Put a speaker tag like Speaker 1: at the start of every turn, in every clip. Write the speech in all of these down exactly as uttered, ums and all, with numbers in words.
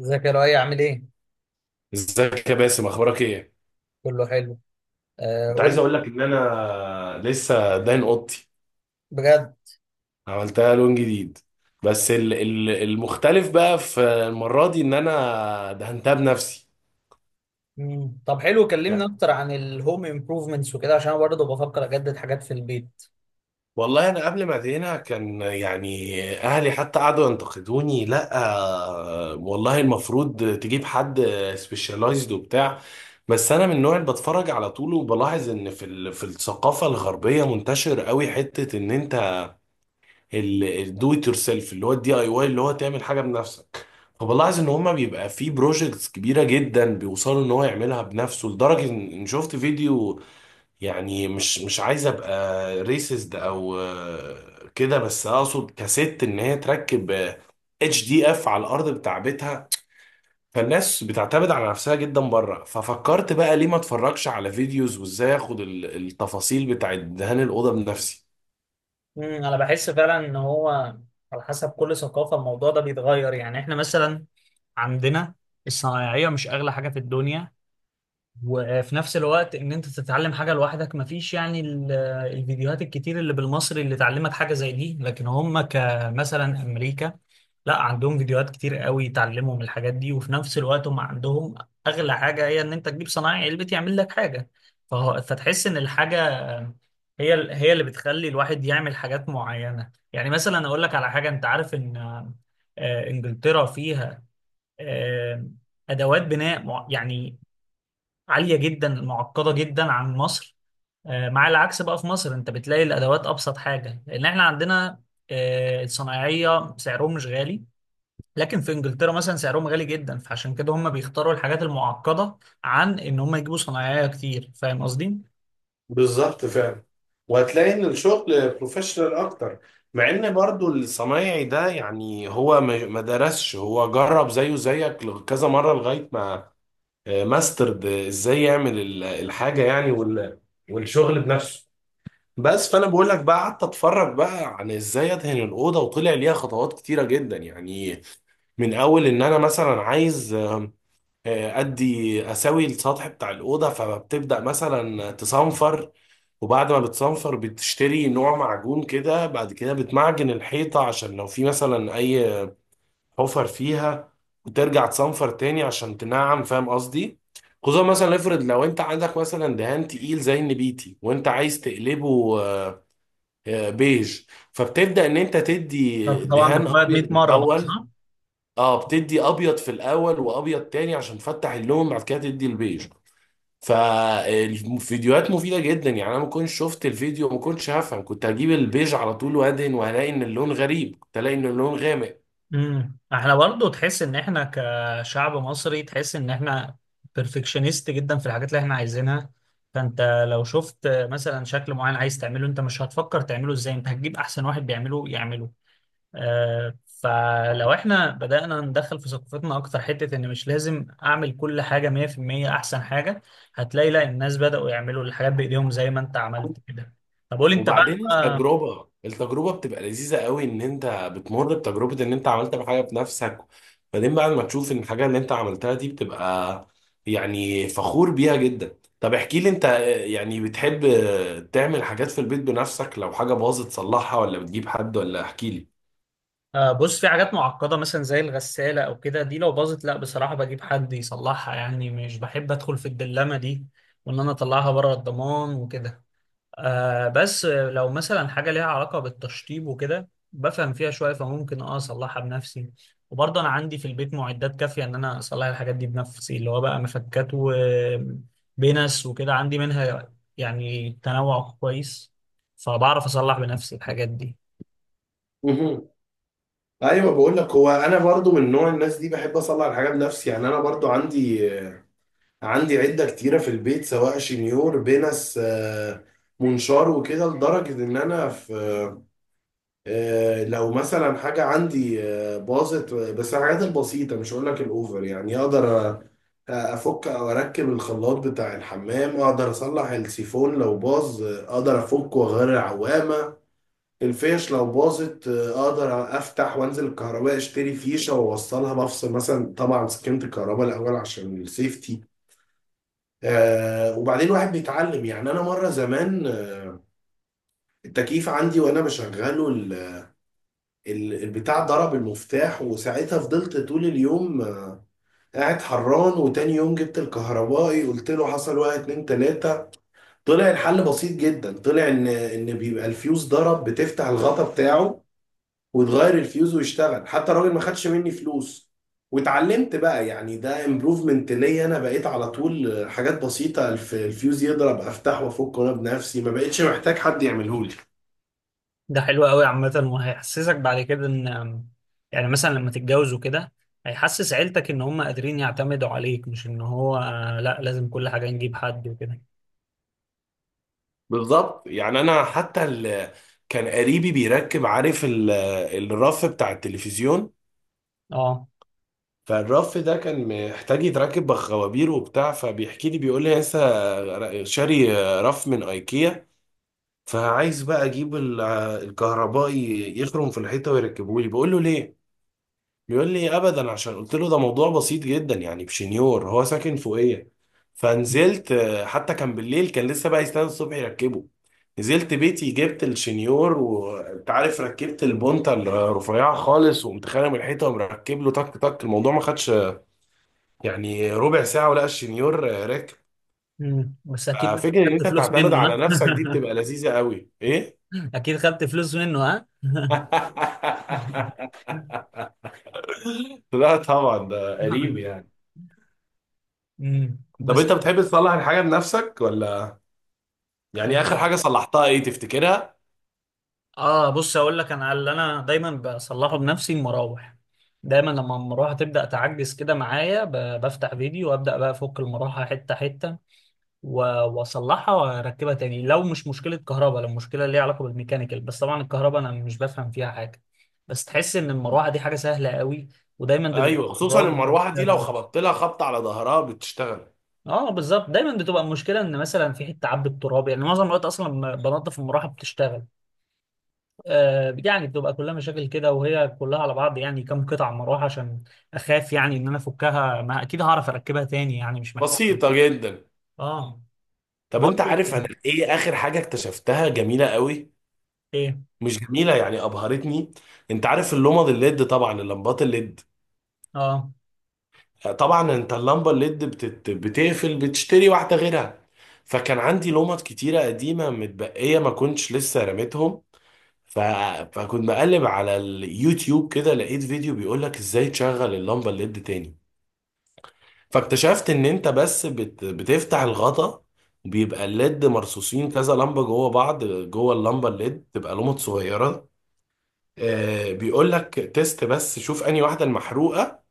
Speaker 1: ازيك يا لؤي، عامل ايه؟
Speaker 2: ازيك يا باسم؟ اخبارك ايه؟
Speaker 1: كله حلو. آه،
Speaker 2: كنت عايز
Speaker 1: قول.
Speaker 2: اقول لك ان انا لسه داين اوضتي.
Speaker 1: بجد؟
Speaker 2: عملتها لون جديد. بس ال- ال- المختلف بقى في المره دي ان انا دهنتها بنفسي.
Speaker 1: مم. طب حلو، كلمني
Speaker 2: يعني
Speaker 1: اكتر عن الهوم امبروفمنتس وكده، عشان انا برضه بفكر اجدد حاجات في البيت.
Speaker 2: والله انا قبل ما ادهنها كان يعني اهلي حتى قعدوا ينتقدوني، لا. آه، والله المفروض تجيب حد سبيشالايزد وبتاع. بس انا من النوع اللي بتفرج على طول، وبلاحظ ان في ال- في الثقافه الغربيه منتشر قوي حته ان انت الدو ات يور سيلف، اللي هو الدي اي واي، اللي هو تعمل حاجه بنفسك. فبلاحظ ان هما بيبقى في بروجكتس كبيره جدا بيوصلوا ان هو يعملها بنفسه، لدرجه ان إن شفت فيديو. يعني مش مش عايز ابقى ريسست او آه، كده، بس اقصد كست ان هي تركب اتش دي اف على الارض بتاع بيتها. فالناس بتعتمد على نفسها جدا بره. ففكرت بقى ليه ما اتفرجش على فيديوز، وازاي اخد ال- التفاصيل بتاعت دهان الاوضه بنفسي.
Speaker 1: مم. انا بحس فعلا ان هو على حسب كل ثقافة الموضوع ده بيتغير. يعني احنا مثلا عندنا الصنايعية مش اغلى حاجة في الدنيا، وفي نفس الوقت ان انت تتعلم حاجه لوحدك مفيش، يعني ال- الفيديوهات الكتير اللي بالمصري اللي تعلمك حاجه زي دي. لكن هم كمثلا امريكا، لا، عندهم فيديوهات كتير قوي تعلمهم الحاجات دي، وفي نفس الوقت هم عندهم اغلى حاجه، هي ان انت تجيب صنايعي علبة يعمل لك حاجه. فهو- فتحس ان الحاجه هي ال- هي اللي بتخلي الواحد يعمل حاجات معينه. يعني مثلا اقول لك على حاجه، انت عارف ان آه، انجلترا فيها آه، ادوات بناء مع- يعني عالية جدا، معقدة جدا عن مصر. آه، مع العكس بقى، في مصر انت بتلاقي الادوات ابسط حاجة، لان احنا عندنا آه، الصنايعية سعرهم مش غالي. لكن في انجلترا مثلا سعرهم غالي جدا، فعشان كده هم بيختاروا الحاجات المعقدة عن ان هم يجيبوا صنايعية كتير. فاهم قصدي؟
Speaker 2: بالظبط، فعلا. وهتلاقي ان الشغل بروفيشنال اكتر، مع ان برضو الصنايعي ده يعني هو ما ما درسش، هو جرب زيه زيك لغ- كذا مرة لغاية ما آه، ماسترد آه، ازاي يعمل ال- الحاجة يعني وال- والشغل بنفسه. بس فانا بقول لك بقى، قعدت اتفرج بقى عن ازاي ادهن الاوضه، وطلع ليها خطوات كتيره جدا يعني. من اول ان انا مثلا عايز آه، آه، ادي اسوي السطح بتاع الاوضه، فبتبدا مثلا تصنفر. وبعد ما بتصنفر بتشتري نوع معجون كده، بعد كده بتمعجن الحيطة عشان لو في مثلا أي حفر فيها، وترجع تصنفر تاني عشان تنعم، فاهم قصدي؟ خصوصا مثلا افرض لو انت عندك مثلا دهان تقيل زي النبيتي وانت عايز تقلبه آه، آه، بيج. فبتبدأ ان انت
Speaker 1: فأنت
Speaker 2: تدي
Speaker 1: طبعا
Speaker 2: دهان
Speaker 1: بتبيض
Speaker 2: ابيض
Speaker 1: مية مرة بقى،
Speaker 2: الاول.
Speaker 1: صح؟
Speaker 2: اه، بتدي ابيض في الاول، وابيض تاني عشان تفتح اللون، بعد كده تدي البيج. فالفيديوهات مفيدة جدا. يعني انا ما كنتش شفت الفيديو، ما كنتش هفهم، كنت هجيب البيج على طول وادهن وهلاقي ان اللون غريب، كنت الاقي ان اللون غامق.
Speaker 1: امم احنا برضو، تحس ان احنا كشعب مصري، تحس ان احنا بيرفكشنست جدا في الحاجات اللي احنا عايزينها. فانت لو شفت مثلا شكل معين عايز تعمله، انت مش هتفكر تعمله ازاي، انت هتجيب احسن واحد بيعمله يعمله. آه فلو احنا بدأنا ندخل في ثقافتنا اكتر حتة ان مش لازم اعمل كل حاجة مية في المية احسن حاجة، هتلاقي لا، الناس بدأوا يعملوا الحاجات بايديهم زي ما انت عملت كده. طب قول لي انت
Speaker 2: وبعدين
Speaker 1: بقى.
Speaker 2: التجربة التجربة بتبقى لذيذة قوي، ان انت بتمر بتجربة ان انت عملت حاجة بنفسك. بعدين بعد ما تشوف ان الحاجة اللي انت عملتها دي، بتبقى يعني فخور بيها جدا. طب احكي لي انت، يعني بتحب تعمل حاجات في البيت بنفسك؟ لو حاجة باظت تصلحها ولا بتجيب حد؟ ولا احكي
Speaker 1: آه، بص، في حاجات معقدة مثلا زي الغسالة أو كده، دي لو باظت لا بصراحة بجيب حد يصلحها، يعني مش بحب أدخل في الدلمة دي، وإن أنا أطلعها بره الضمان وكده. آه بس لو مثلا حاجة ليها علاقة بالتشطيب وكده بفهم فيها شوية، فممكن أه أصلحها بنفسي. وبرضه أنا عندي في البيت معدات كافية إن أنا أصلح الحاجات دي بنفسي، اللي هو بقى مفكات وبنس وكده، عندي منها يعني تنوع كويس، فبعرف أصلح بنفسي الحاجات دي.
Speaker 2: لي. ايوه، بقول لك هو انا برضو من نوع الناس دي، بحب اصلح الحاجه بنفسي. يعني انا برضو عندي عندي عده كتيره في البيت، سواء شنيور، بنس، آه، منشار وكده، لدرجه ان انا في آه، لو مثلا حاجه عندي آه، باظت، بس الحاجات البسيطه، مش هقول لك الاوفر، يعني اقدر أ- افك او اركب الخلاط بتاع الحمام. اقدر اصلح السيفون لو باظ، آه، اقدر افكه واغير العوامه. الفيش لو باظت، آه، اقدر افتح وانزل الكهرباء، اشتري فيشه واوصلها بفصل مثلا، طبعا سكنت الكهرباء الاول عشان السيفتي. آه وبعدين واحد بيتعلم، يعني انا مره زمان آه، التكييف عندي وانا بشغله ال- ال- البتاع ضرب المفتاح، وساعتها فضلت طول اليوم آه، قاعد حران. وتاني يوم جبت الكهربائي، قلت له حصل واحد اتنين تلاته. طلع الحل بسيط جدا، طلع ان ان بيبقى الفيوز ضرب، بتفتح الغطا بتاعه وتغير الفيوز ويشتغل. حتى الراجل ما خدش مني فلوس. واتعلمت بقى، يعني ده امبروفمنت ليا. انا بقيت على طول حاجات بسيطة، الف- الفيوز يضرب افتح وافك انا بنفسي، ما بقتش محتاج حد يعمله لي.
Speaker 1: ده حلو قوي عامة، وهيحسسك بعد كده ان، يعني مثلا لما تتجوز وكده، هيحسس عيلتك ان هم قادرين يعتمدوا عليك، مش ان هو آه، لا لازم كل حاجة نجيب حد وكده.
Speaker 2: بالظبط، يعني انا حتى ال... كان قريبي بيركب، عارف ال... الرف بتاع التلفزيون.
Speaker 1: اه.
Speaker 2: فالرف ده كان محتاج يتركب بخوابير وبتاع، فبيحكي لي بيقول لي لسه شاري رف من ايكيا. فعايز بقى اجيب ال- الكهربائي يخرم في الحيطه ويركبه لي، بقول له ليه؟ بيقول لي ابدا، عشان قلت له ده موضوع بسيط جدا يعني بشنيور، هو ساكن فوقيه. فنزلت، آه، حتى كان بالليل، كان لسه بقى يستنى الصبح يركبه. نزلت بيتي، جبت الشنيور، وانت عارف ركبت البونتا الرفيعه خالص، وقمت خارم الحيطه ومركب له تك تك. الموضوع ما خدش آه، يعني ربع ساعه ولا الشنيور آه، راكب.
Speaker 1: مم. بس اكيد بقى
Speaker 2: ففكره ان
Speaker 1: خدت
Speaker 2: انت
Speaker 1: فلوس
Speaker 2: تعتمد
Speaker 1: منه،
Speaker 2: على نفسك دي
Speaker 1: ها؟
Speaker 2: بتبقى لذيذه قوي، ايه.
Speaker 1: اكيد خدت فلوس منه، ها؟
Speaker 2: لا طبعا، ده قريب يعني.
Speaker 1: مم.
Speaker 2: طب
Speaker 1: بس.
Speaker 2: انت بتحب تصلح الحاجه بنفسك ولا؟ يعني اخر حاجه صلحتها ايه تفتكرها؟
Speaker 1: اه بص، اقول لك، انا اللي انا دايما بصلحه بنفسي المراوح. دايما لما المروحه تبدا تعجز كده معايا، ب- بفتح فيديو وابدا بقى افك المروحه حته حته و- واصلحها واركبها تاني. لو مش مشكله كهرباء، لو مشكله ليها علاقه بالميكانيكال، بس طبعا الكهرباء انا مش بفهم فيها حاجه. بس تحس ان المروحه دي حاجه سهله قوي، ودايما بن-
Speaker 2: ايوه، خصوصا
Speaker 1: الراجل بياخد
Speaker 2: المروحه دي
Speaker 1: فيها
Speaker 2: لو
Speaker 1: فلوس.
Speaker 2: خبطت لها خبطه على ظهرها بتشتغل.
Speaker 1: اه بالظبط، دايما بتبقى المشكله ان مثلا في حته عبت تراب، يعني معظم الوقت اصلا لما بنضف المروحه بتشتغل. آه يعني بتبقى كلها مشاكل كده، وهي كلها على بعض يعني كم قطعه مروحه. عشان اخاف يعني ان انا افكها، ما اكيد هعرف اركبها تاني، يعني مش محتاج.
Speaker 2: بسيطه جدا.
Speaker 1: اه.
Speaker 2: طب انت
Speaker 1: برضو.
Speaker 2: عارف انا ايه اخر حاجه اكتشفتها جميله قوي؟
Speaker 1: ايه.
Speaker 2: مش جميله، يعني ابهرتني. انت عارف اللمض الليد، طبعا اللمبات الليد.
Speaker 1: اه.
Speaker 2: طبعا انت اللمبه الليد بتت... بتقفل، بتشتري واحده غيرها. فكان عندي لمض كتيره قديمه متبقيه، ما كنتش لسه رميتهم. ف... فكنت بقلب على اليوتيوب كده، لقيت فيديو بيقول لك ازاي تشغل اللمبه الليد تاني. فاكتشفت ان انت بس بت... بتفتح الغطا، بيبقى الليد مرصوصين كذا لمبه جوه بعض، جوه اللمبه الليد تبقى لمبة صغيره. آه بيقول لك تيست بس، شوف انهي واحده المحروقه.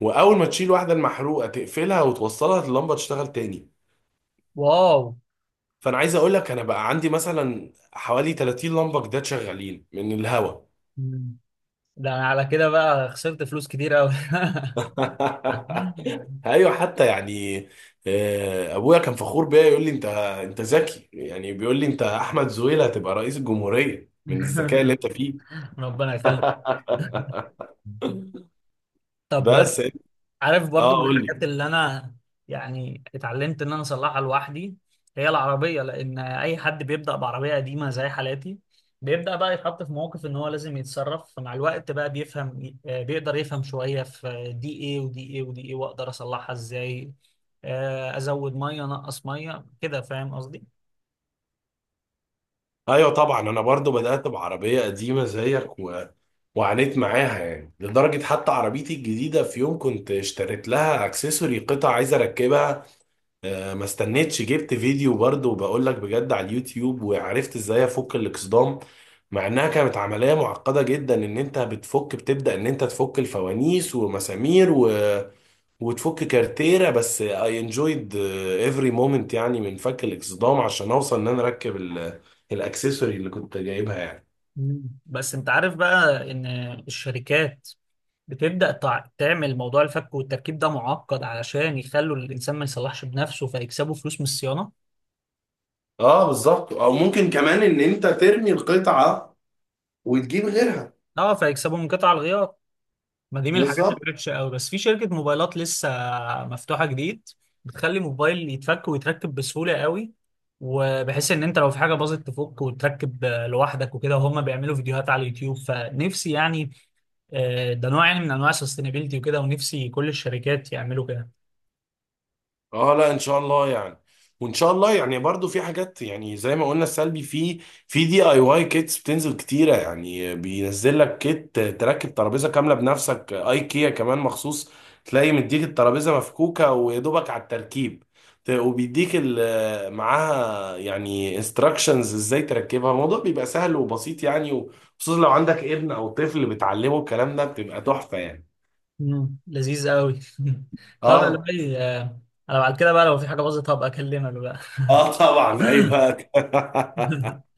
Speaker 2: واول ما تشيل واحده المحروقه تقفلها وتوصلها، اللمبه تشتغل تاني.
Speaker 1: واو.
Speaker 2: فانا عايز اقول لك انا بقى عندي مثلا حوالي تلاتين لمبه جداد شغالين من الهوا.
Speaker 1: مم. ده انا على كده بقى خسرت فلوس كتير قوي.
Speaker 2: ايوه، حتى يعني آه، ابويا كان فخور بيا يقول لي انت انت ذكي، يعني بيقول لي انت احمد زويل، هتبقى رئيس الجمهوريه من الذكاء اللي انت فيه.
Speaker 1: ربنا يخليك. طب،
Speaker 2: بس.
Speaker 1: عارف برضو
Speaker 2: اه
Speaker 1: من
Speaker 2: قول لي.
Speaker 1: الحاجات اللي انا يعني اتعلمت ان انا اصلحها لوحدي، هي العربيه. لان اي حد بيبدا بعربيه قديمه زي حالاتي بيبدا بقى يتحط في موقف ان هو لازم يتصرف، فمع الوقت بقى بيفهم، آه، بيقدر يفهم شويه في دي ايه ودي ايه ودي ايه، واقدر اصلحها ازاي، آه، ازود ميه، انقص ميه كده. فاهم قصدي؟
Speaker 2: ايوه طبعا، انا برضو بدات بعربيه قديمه زيك و... وعانيت معاها يعني. لدرجه حتى عربيتي الجديده في يوم كنت اشتريت لها اكسسوري قطع عايز اركبها. آه، ما استنيتش، جبت فيديو برضه، وبقول لك بجد على اليوتيوب، وعرفت ازاي افك الاكسدام. مع انها كانت عملية معقدة جدا، ان انت بتفك، بتبدأ ان انت تفك الفوانيس ومسامير و... وتفك كارتيرة. بس I enjoyed آه، every moment، يعني من فك الاكسدام عشان اوصل ان انا اركب ال... الاكسسوري اللي كنت جايبها يعني.
Speaker 1: مم. بس انت عارف بقى ان الشركات بتبدأ تع- تعمل موضوع الفك والتركيب ده معقد علشان يخلوا الانسان ما يصلحش بنفسه، فيكسبوا فلوس من الصيانة.
Speaker 2: اه بالظبط، او ممكن كمان ان انت ترمي القطعة وتجيب غيرها.
Speaker 1: اه، فيكسبوا من قطع الغيار، ما دي من الحاجات
Speaker 2: بالظبط.
Speaker 1: اللي وحشة قوي. بس في شركة موبايلات لسه مفتوحة جديد بتخلي موبايل يتفك ويتركب بسهولة قوي، وبحيث ان انت لو في حاجة باظت تفك وتركب لوحدك وكده، وهم بيعملوا فيديوهات على اليوتيوب. فنفسي يعني آه، ده نوع يعني من انواع السستينابيلتي وكده، ونفسي كل الشركات يعملوا كده.
Speaker 2: اه، لا ان شاء الله يعني. وان شاء الله يعني برضو في حاجات يعني زي ما قلنا السلبي في في دي اي واي كيتس بتنزل كتيره، يعني بينزل لك كيت تركب ترابيزه كامله بنفسك، ايكيا كمان مخصوص تلاقي مديك الترابيزه مفكوكه ويا دوبك على التركيب. ت- وبيديك ال- معاها يعني انستراكشنز ازاي تركبها، الموضوع بيبقى سهل وبسيط يعني، وخصوصا لو عندك ابن او طفل بتعلمه الكلام ده بتبقى تحفه يعني.
Speaker 1: مم. لذيذ قوي. طب يا
Speaker 2: اه.
Speaker 1: لؤي، آه، انا بعد كده بقى لو في حاجه باظت هبقى اكلمك بقى.
Speaker 2: اه طبعا، ايوه.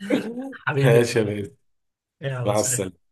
Speaker 1: حبيبي يا
Speaker 2: ماشي يا
Speaker 1: معلم.
Speaker 2: بيه.
Speaker 1: يلا
Speaker 2: مع
Speaker 1: سلام.
Speaker 2: السلامة.